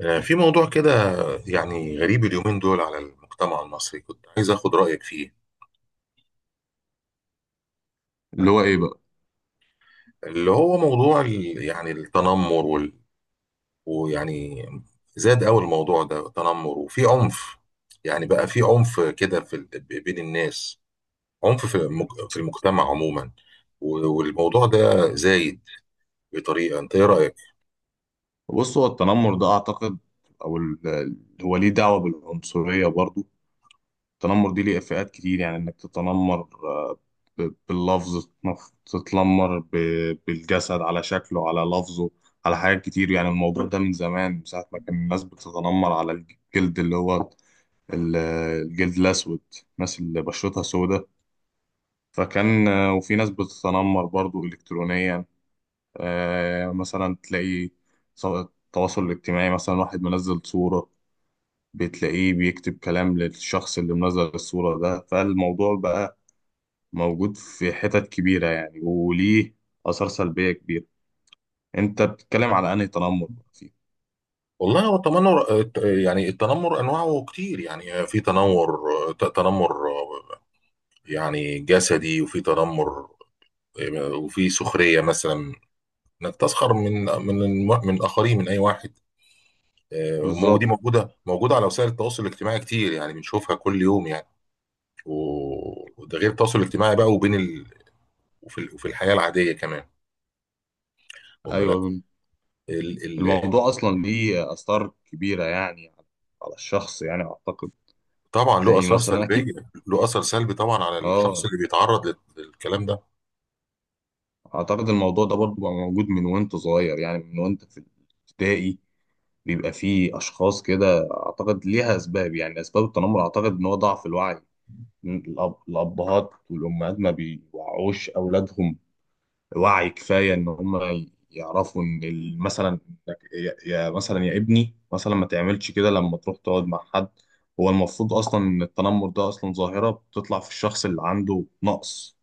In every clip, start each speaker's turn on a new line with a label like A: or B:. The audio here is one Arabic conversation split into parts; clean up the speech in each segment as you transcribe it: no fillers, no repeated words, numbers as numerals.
A: في موضوع كده يعني غريب اليومين دول على المجتمع المصري، كنت عايز اخد رأيك فيه.
B: اللي هو ايه بقى؟
A: اللي هو موضوع يعني التنمر ويعني زاد قوي الموضوع ده تنمر وفي عنف. يعني بقى في عنف كده بين الناس، عنف في المجتمع عموما. والموضوع ده زايد بطريقة، انت ايه رأيك؟
B: بص، هو التنمر ده اعتقد، او هو ليه دعوه بالعنصريه برضو. التنمر دي ليه فئات كتير، يعني انك تتنمر، باللفظ، تتنمر بالجسد، على شكله، على لفظه، على حاجات كتير. يعني الموضوع ده من زمان، من ساعه ما كان الناس بتتنمر على الجلد، اللي هو ال- الجلد الاسود، الناس اللي بشرتها سوداء. فكان وفي ناس بتتنمر برضو الكترونيا. مثلا تلاقي التواصل الاجتماعي، مثلا واحد منزل صورة، بتلاقيه بيكتب كلام للشخص اللي منزل الصورة ده. فالموضوع بقى موجود في حتت كبيرة يعني، وليه آثار سلبية كبيرة. انت بتتكلم على انهي تنمر بقى فيه؟
A: والله هو التنمر يعني التنمر انواعه كتير. يعني في تنمر تنمر يعني جسدي، وفي تنمر، وفي سخريه مثلا، انك تسخر من من الاخرين، من اي واحد. وموجودة دي
B: بالظبط.
A: موجوده على وسائل التواصل الاجتماعي كتير، يعني بنشوفها كل يوم يعني. وده غير التواصل الاجتماعي بقى، وفي الحياه العاديه كمان، واخد بالك.
B: ايوه،
A: ال... ال...
B: الموضوع اصلا ليه آثار كبيرة يعني على الشخص، يعني اعتقد
A: طبعا له
B: تلاقيه
A: اثار
B: مثلا،
A: سلبيه،
B: اكيد.
A: له اثر سلبي طبعا على الشخص
B: اه،
A: اللي بيتعرض للكلام ده.
B: اعتقد الموضوع ده برضو بقى موجود من وانت صغير، يعني من وانت في الابتدائي بيبقى فيه اشخاص كده. اعتقد ليها اسباب، يعني اسباب التنمر اعتقد ان هو ضعف الوعي. الابهات والامهات ما بيوعوش اولادهم وعي كفايه ان هم يعرفوا ان مثلا، مثلا يا ابني، مثلا ما تعملش كده لما تروح تقعد مع حد. هو المفروض اصلا ان التنمر ده اصلا ظاهره بتطلع في الشخص اللي عنده نقص،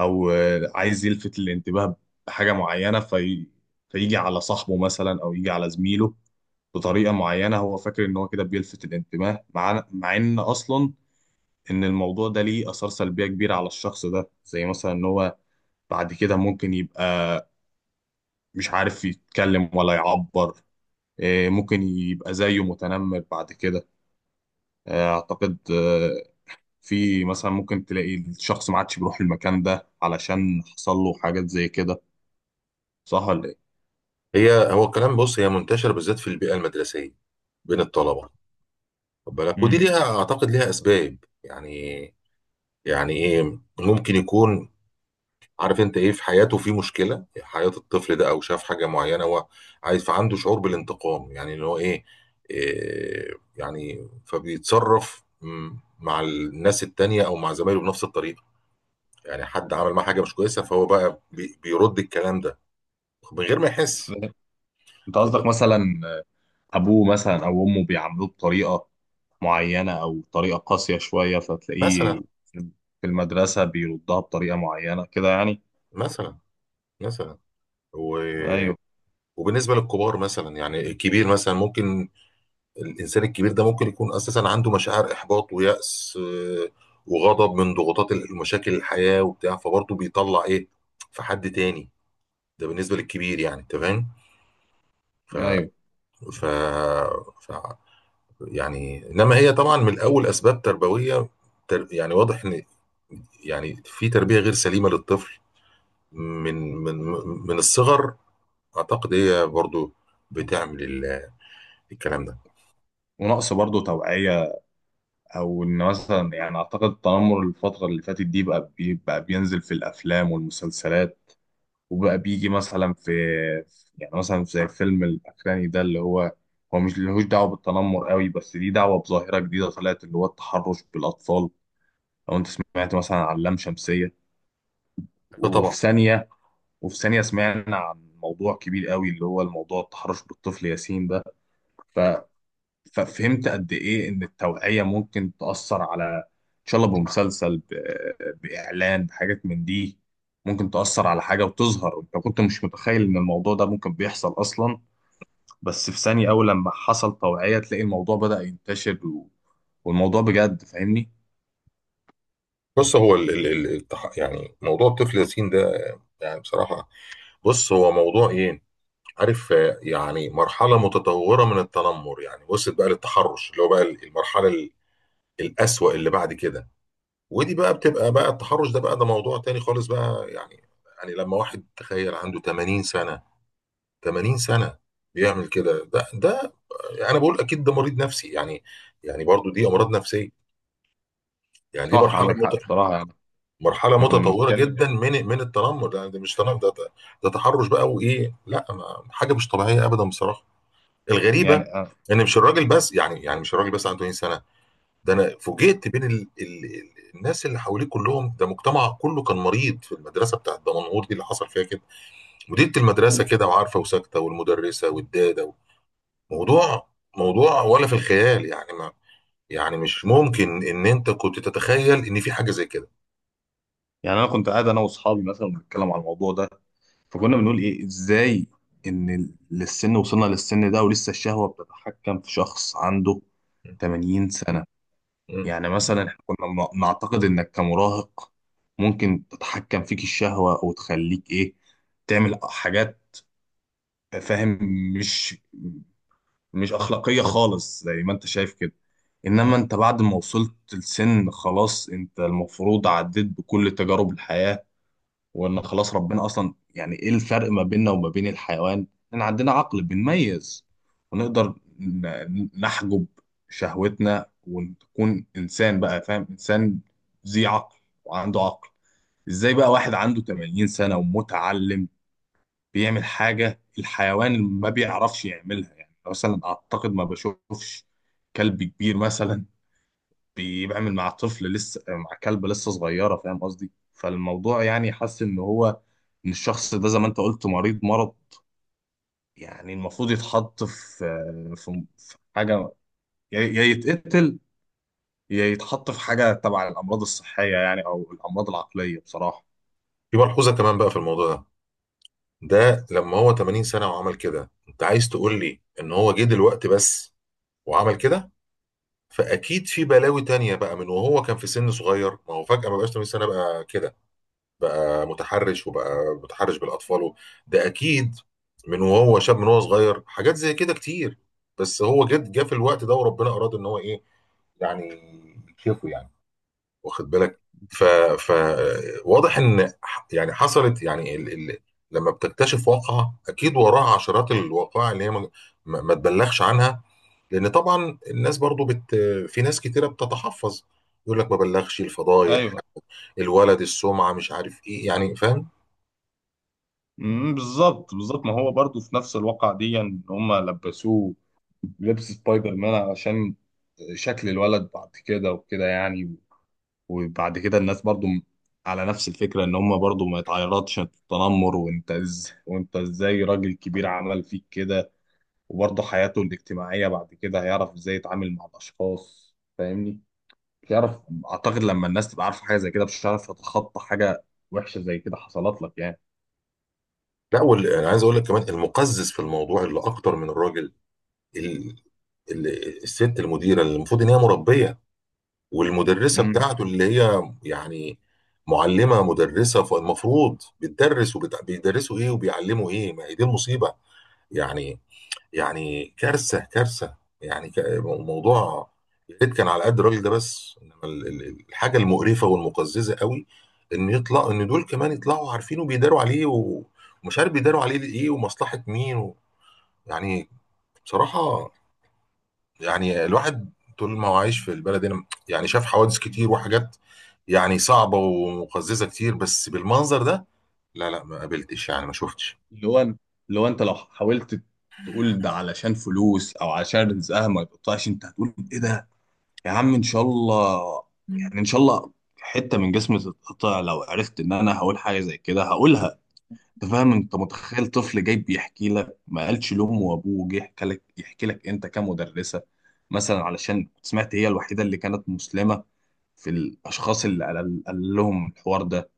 B: او عايز يلفت الانتباه بحاجه معينه فيجي على صاحبه مثلا، او يجي على زميله بطريقه معينه. هو فاكر ان هو كده بيلفت الانتباه، مع ان اصلا ان الموضوع ده ليه اثار سلبيه كبيره على الشخص ده، زي مثلا ان هو بعد كده ممكن يبقى مش عارف يتكلم ولا يعبر، ممكن يبقى زيه متنمر بعد كده. اعتقد في مثلا ممكن تلاقي الشخص ما عادش بيروح المكان ده علشان حصل له حاجات زي كده. صح ولا ايه؟
A: هو الكلام، بص، هي منتشره بالذات في البيئه المدرسيه بين الطلبه، واخد بالك، ودي
B: امم.
A: ليها اعتقد ليها اسباب يعني يعني ايه، ممكن يكون عارف انت ايه في حياته، في مشكله حياه الطفل ده، او شاف حاجه معينه هو عايز، فعنده شعور بالانتقام. يعني اللي هو إيه يعني، فبيتصرف مع الناس التانية او مع زمايله بنفس الطريقه. يعني حد عمل معاه حاجه مش كويسه، فهو بقى بيرد الكلام ده من غير ما يحس،
B: انت
A: خد
B: قصدك
A: بالك.
B: مثلا ابوه مثلا او امه بيعاملوه بطريقه معينة أو طريقة قاسية شوية، فتلاقيه
A: مثلا
B: في المدرسة بيردها بطريقة معينة كده يعني.
A: مثلا مثلا و...
B: أيوه.
A: وبالنسبه للكبار، مثلا يعني الكبير مثلا ممكن، الانسان الكبير ده ممكن يكون اساسا عنده مشاعر احباط ويأس وغضب من ضغوطات المشاكل الحياة وبتاع، فبرضه بيطلع ايه في حد تاني. ده بالنسبة للكبير يعني، انت فاهم. ف...
B: أيوه،
A: ف... ف يعني انما هي طبعا من الاول اسباب تربوية، يعني واضح ان يعني في تربية غير سليمة للطفل من من من الصغر. اعتقد هي برضو بتعمل الكلام ده.
B: ونقص برضه توعية، أو إن مثلا يعني أعتقد التنمر الفترة اللي فاتت دي بقى بينزل في الأفلام والمسلسلات، وبقى بيجي مثلا يعني مثلا زي الفيلم الأخراني ده، اللي هو مش لهوش دعوة بالتنمر قوي، بس دي دعوة بظاهرة جديدة طلعت، اللي هو التحرش بالأطفال. لو أنت سمعت مثلا عن لام شمسية،
A: أيوة
B: وفي
A: طبعا.
B: ثانية وفي ثانية سمعنا عن موضوع كبير قوي، اللي هو الموضوع التحرش بالطفل ياسين ده. ف... ففهمت قد إيه إن التوعية ممكن تأثر على، إن شاء الله، بمسلسل، بإعلان، بحاجات من دي، ممكن تأثر على حاجة، وتظهر أنت كنت مش متخيل إن الموضوع ده ممكن بيحصل أصلا. بس في ثانية أول لما حصل توعية تلاقي الموضوع بدأ ينتشر. والموضوع بجد، فاهمني؟
A: بص، هو يعني موضوع الطفل ياسين ده، يعني بصراحة، بص هو موضوع ايه، عارف، يعني مرحلة متطورة من التنمر. يعني وصلت بقى للتحرش، اللي هو بقى المرحلة الأسوأ اللي بعد كده. ودي بقى بتبقى بقى التحرش ده بقى، ده موضوع تاني خالص بقى يعني. يعني لما واحد تخيل عنده 80 سنة، 80 سنة بيعمل كده، ده ده انا بقول اكيد ده مريض نفسي يعني برضو دي امراض نفسية. يعني دي
B: صح،
A: مرحلة
B: عندك حق
A: بالظبط،
B: بصراحة يعني.
A: مرحله
B: احنا كنا
A: متطوره
B: بنتكلم،
A: جدا من من التنمر. ده مش تنمر، ده تحرش بقى. وايه، لا ما حاجه مش طبيعيه ابدا بصراحه.
B: يعني
A: الغريبه ان مش الراجل بس، يعني مش الراجل بس عنده 80 سنه. ده انا فوجئت بين ال ال ال الناس اللي حواليه كلهم. ده مجتمع كله كان مريض في المدرسه بتاعت دمنهور دي اللي حصل فيها كده. مديره المدرسه كده وعارفه وساكته، والمدرسه والداده. موضوع موضوع ولا في الخيال يعني، ما يعني مش ممكن ان انت كنت تتخيل ان في حاجه زي كده.
B: يعني أنا كنت قاعد أنا وأصحابي مثلا بنتكلم على الموضوع ده، فكنا بنقول ايه، ازاي ان للسن وصلنا للسن ده ولسه الشهوة بتتحكم في شخص عنده 80 سنة؟
A: م.
B: يعني مثلا احنا كنا نعتقد انك كمراهق ممكن تتحكم فيك الشهوة وتخليك ايه، تعمل حاجات، فاهم، مش مش اخلاقية خالص زي ما انت شايف كده. انما انت بعد ما وصلت لسن خلاص، انت المفروض عديت بكل تجارب الحياة، وان
A: م.
B: خلاص ربنا اصلا، يعني ايه الفرق ما بيننا وما بين الحيوان؟ ان عندنا عقل بنميز، ونقدر نحجب شهوتنا، ونكون انسان بقى، فاهم، انسان ذي عقل وعنده عقل. ازاي بقى واحد عنده 80 سنة ومتعلم بيعمل حاجة الحيوان ما بيعرفش يعملها؟ يعني مثلا اعتقد ما بشوفش كلب كبير مثلا بيعمل مع طفل لسه، مع كلب لسه صغيره، فاهم قصدي؟ فالموضوع يعني، حاسس ان هو ان الشخص ده زي ما انت قلت مريض مرض، يعني المفروض يتحط في، حاجه، يا يتقتل، يا يتحط في حاجه تبع الامراض الصحيه يعني، او الامراض العقليه بصراحه.
A: في ملحوظة كمان بقى في الموضوع ده لما هو 80 سنة وعمل كده، انت عايز تقول لي ان هو جه دلوقتي بس وعمل كده؟ فاكيد في بلاوي تانية بقى من وهو كان في سن صغير. ما هو فجأة ما بقاش 80 سنة بقى كده، بقى متحرش وبقى متحرش بالاطفال ده اكيد. من وهو شاب، من وهو صغير، حاجات زي كده كتير، بس هو جه في الوقت ده، وربنا اراد ان هو ايه يعني، يكشفه يعني، واخد بالك. ف فواضح ان يعني حصلت يعني. لما بتكتشف واقعة، اكيد وراها عشرات الوقائع اللي هي ما تبلغش عنها، لان طبعا الناس برضو في ناس كتيرة بتتحفظ، يقول لك ما بلغش الفضايح،
B: ايوه.
A: الولد السمعة مش عارف ايه يعني، فاهم.
B: أمم، بالظبط، بالظبط ما هو برضو في نفس الواقع دي ان هم لبسوه لبس سبايدر مان علشان شكل الولد بعد كده وكده يعني. وبعد كده الناس برضو على نفس الفكرة ان هم برضو ما يتعرضش التنمر، وانت ازاي راجل كبير عمل فيك كده. وبرضو حياته الاجتماعية بعد كده هيعرف ازاي يتعامل مع الاشخاص، فاهمني؟ يعرف. اعتقد لما الناس تبقى عارفة حاجة زي كده مش هتعرف تتخطى حاجة وحشة زي كده حصلت لك يعني.
A: لا انا عايز اقول لك كمان، المقزز في الموضوع اللي اكتر من الراجل ال... ال... الست المديرة، اللي المفروض ان هي مربية، والمدرسة
B: امم.
A: بتاعته اللي هي يعني معلمة مدرسة، فالمفروض بتدرس وبيدرسوا ايه وبيعلموا ايه. ما هي دي المصيبة يعني، يعني كارثة كارثة، يعني موضوع. يا ريت كان على قد الراجل ده بس، انما الحاجة المقرفة والمقززة قوي ان يطلع ان دول كمان يطلعوا عارفين وبيداروا عليه ومش عارف بيداروا عليه ايه ومصلحة مين يعني بصراحة. يعني الواحد طول ما هو عايش في البلد هنا، يعني شاف حوادث كتير وحاجات يعني صعبة ومقززة كتير، بس بالمنظر ده لا، لا ما قابلتش يعني، ما شفتش.
B: اللي هو اللي هو انت لو حاولت تقول ده علشان فلوس، او علشان رزقها ما يقطعش، انت هتقول ايه؟ ده يا عم ان شاء الله، يعني ان شاء الله حته من جسمي تتقطع لو عرفت ان انا هقول حاجه زي كده، هقولها. انت فاهم؟ انت متخيل طفل جاي بيحكي لك، ما قالش لامه وابوه، جه يحكي لك، انت كمدرسه مثلا، علشان سمعت هي الوحيده اللي كانت مسلمه في الاشخاص اللي قال لهم الحوار ده.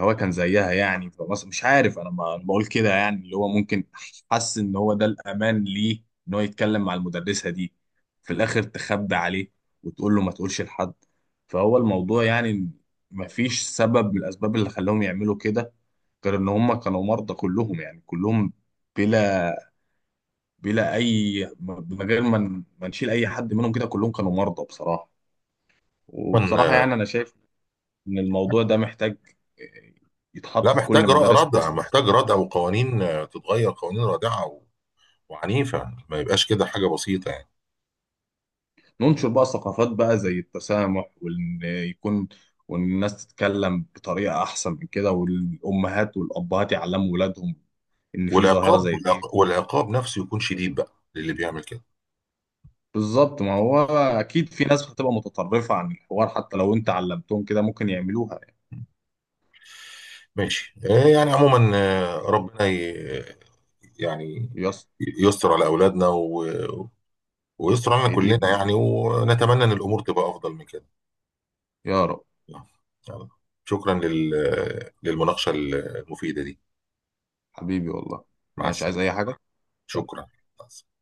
B: هو كان زيها يعني، مش عارف انا، بقول كده يعني، اللي هو ممكن حس ان هو ده الامان ليه، ان هو يتكلم مع المدرسه دي. في الاخر تخبي عليه وتقول له ما تقولش لحد. فهو الموضوع يعني، ما فيش سبب من الاسباب اللي خلاهم يعملوا كده غير ان هم كانوا مرضى كلهم، يعني كلهم بلا بلا اي، من غير ما ما نشيل اي حد منهم، كده كلهم كانوا مرضى بصراحه.
A: طبعاً،
B: وبصراحه يعني انا شايف ان الموضوع ده محتاج
A: لا
B: يتحط في كل
A: محتاج
B: مدارس
A: ردع،
B: مصر،
A: محتاج ردع وقوانين، تتغير قوانين رادعة وعنيفة، ما يبقاش كده حاجة بسيطة يعني.
B: ننشر بقى ثقافات بقى زي التسامح، وان الناس تتكلم بطريقه احسن من كده، والامهات والابهات يعلموا ولادهم ان في ظاهره
A: والعقاب
B: زي دي.
A: والعقاب نفسه يكون شديد بقى للي بيعمل كده.
B: بالظبط، ما هو اكيد في ناس هتبقى متطرفه عن الحوار، حتى لو انت علمتهم كده ممكن يعملوها يعني.
A: ماشي، يعني عموما ربنا يعني
B: يس.
A: يستر على أولادنا ويستر علينا كلنا
B: ايديهم،
A: يعني، ونتمنى ان الامور تبقى افضل من كده.
B: يا رب.
A: يلا. شكرا للمناقشه المفيده دي.
B: حبيبي والله.
A: مع
B: ماشي،
A: السلامه.
B: عايز اي حاجه؟
A: شكرا. مع السلامة.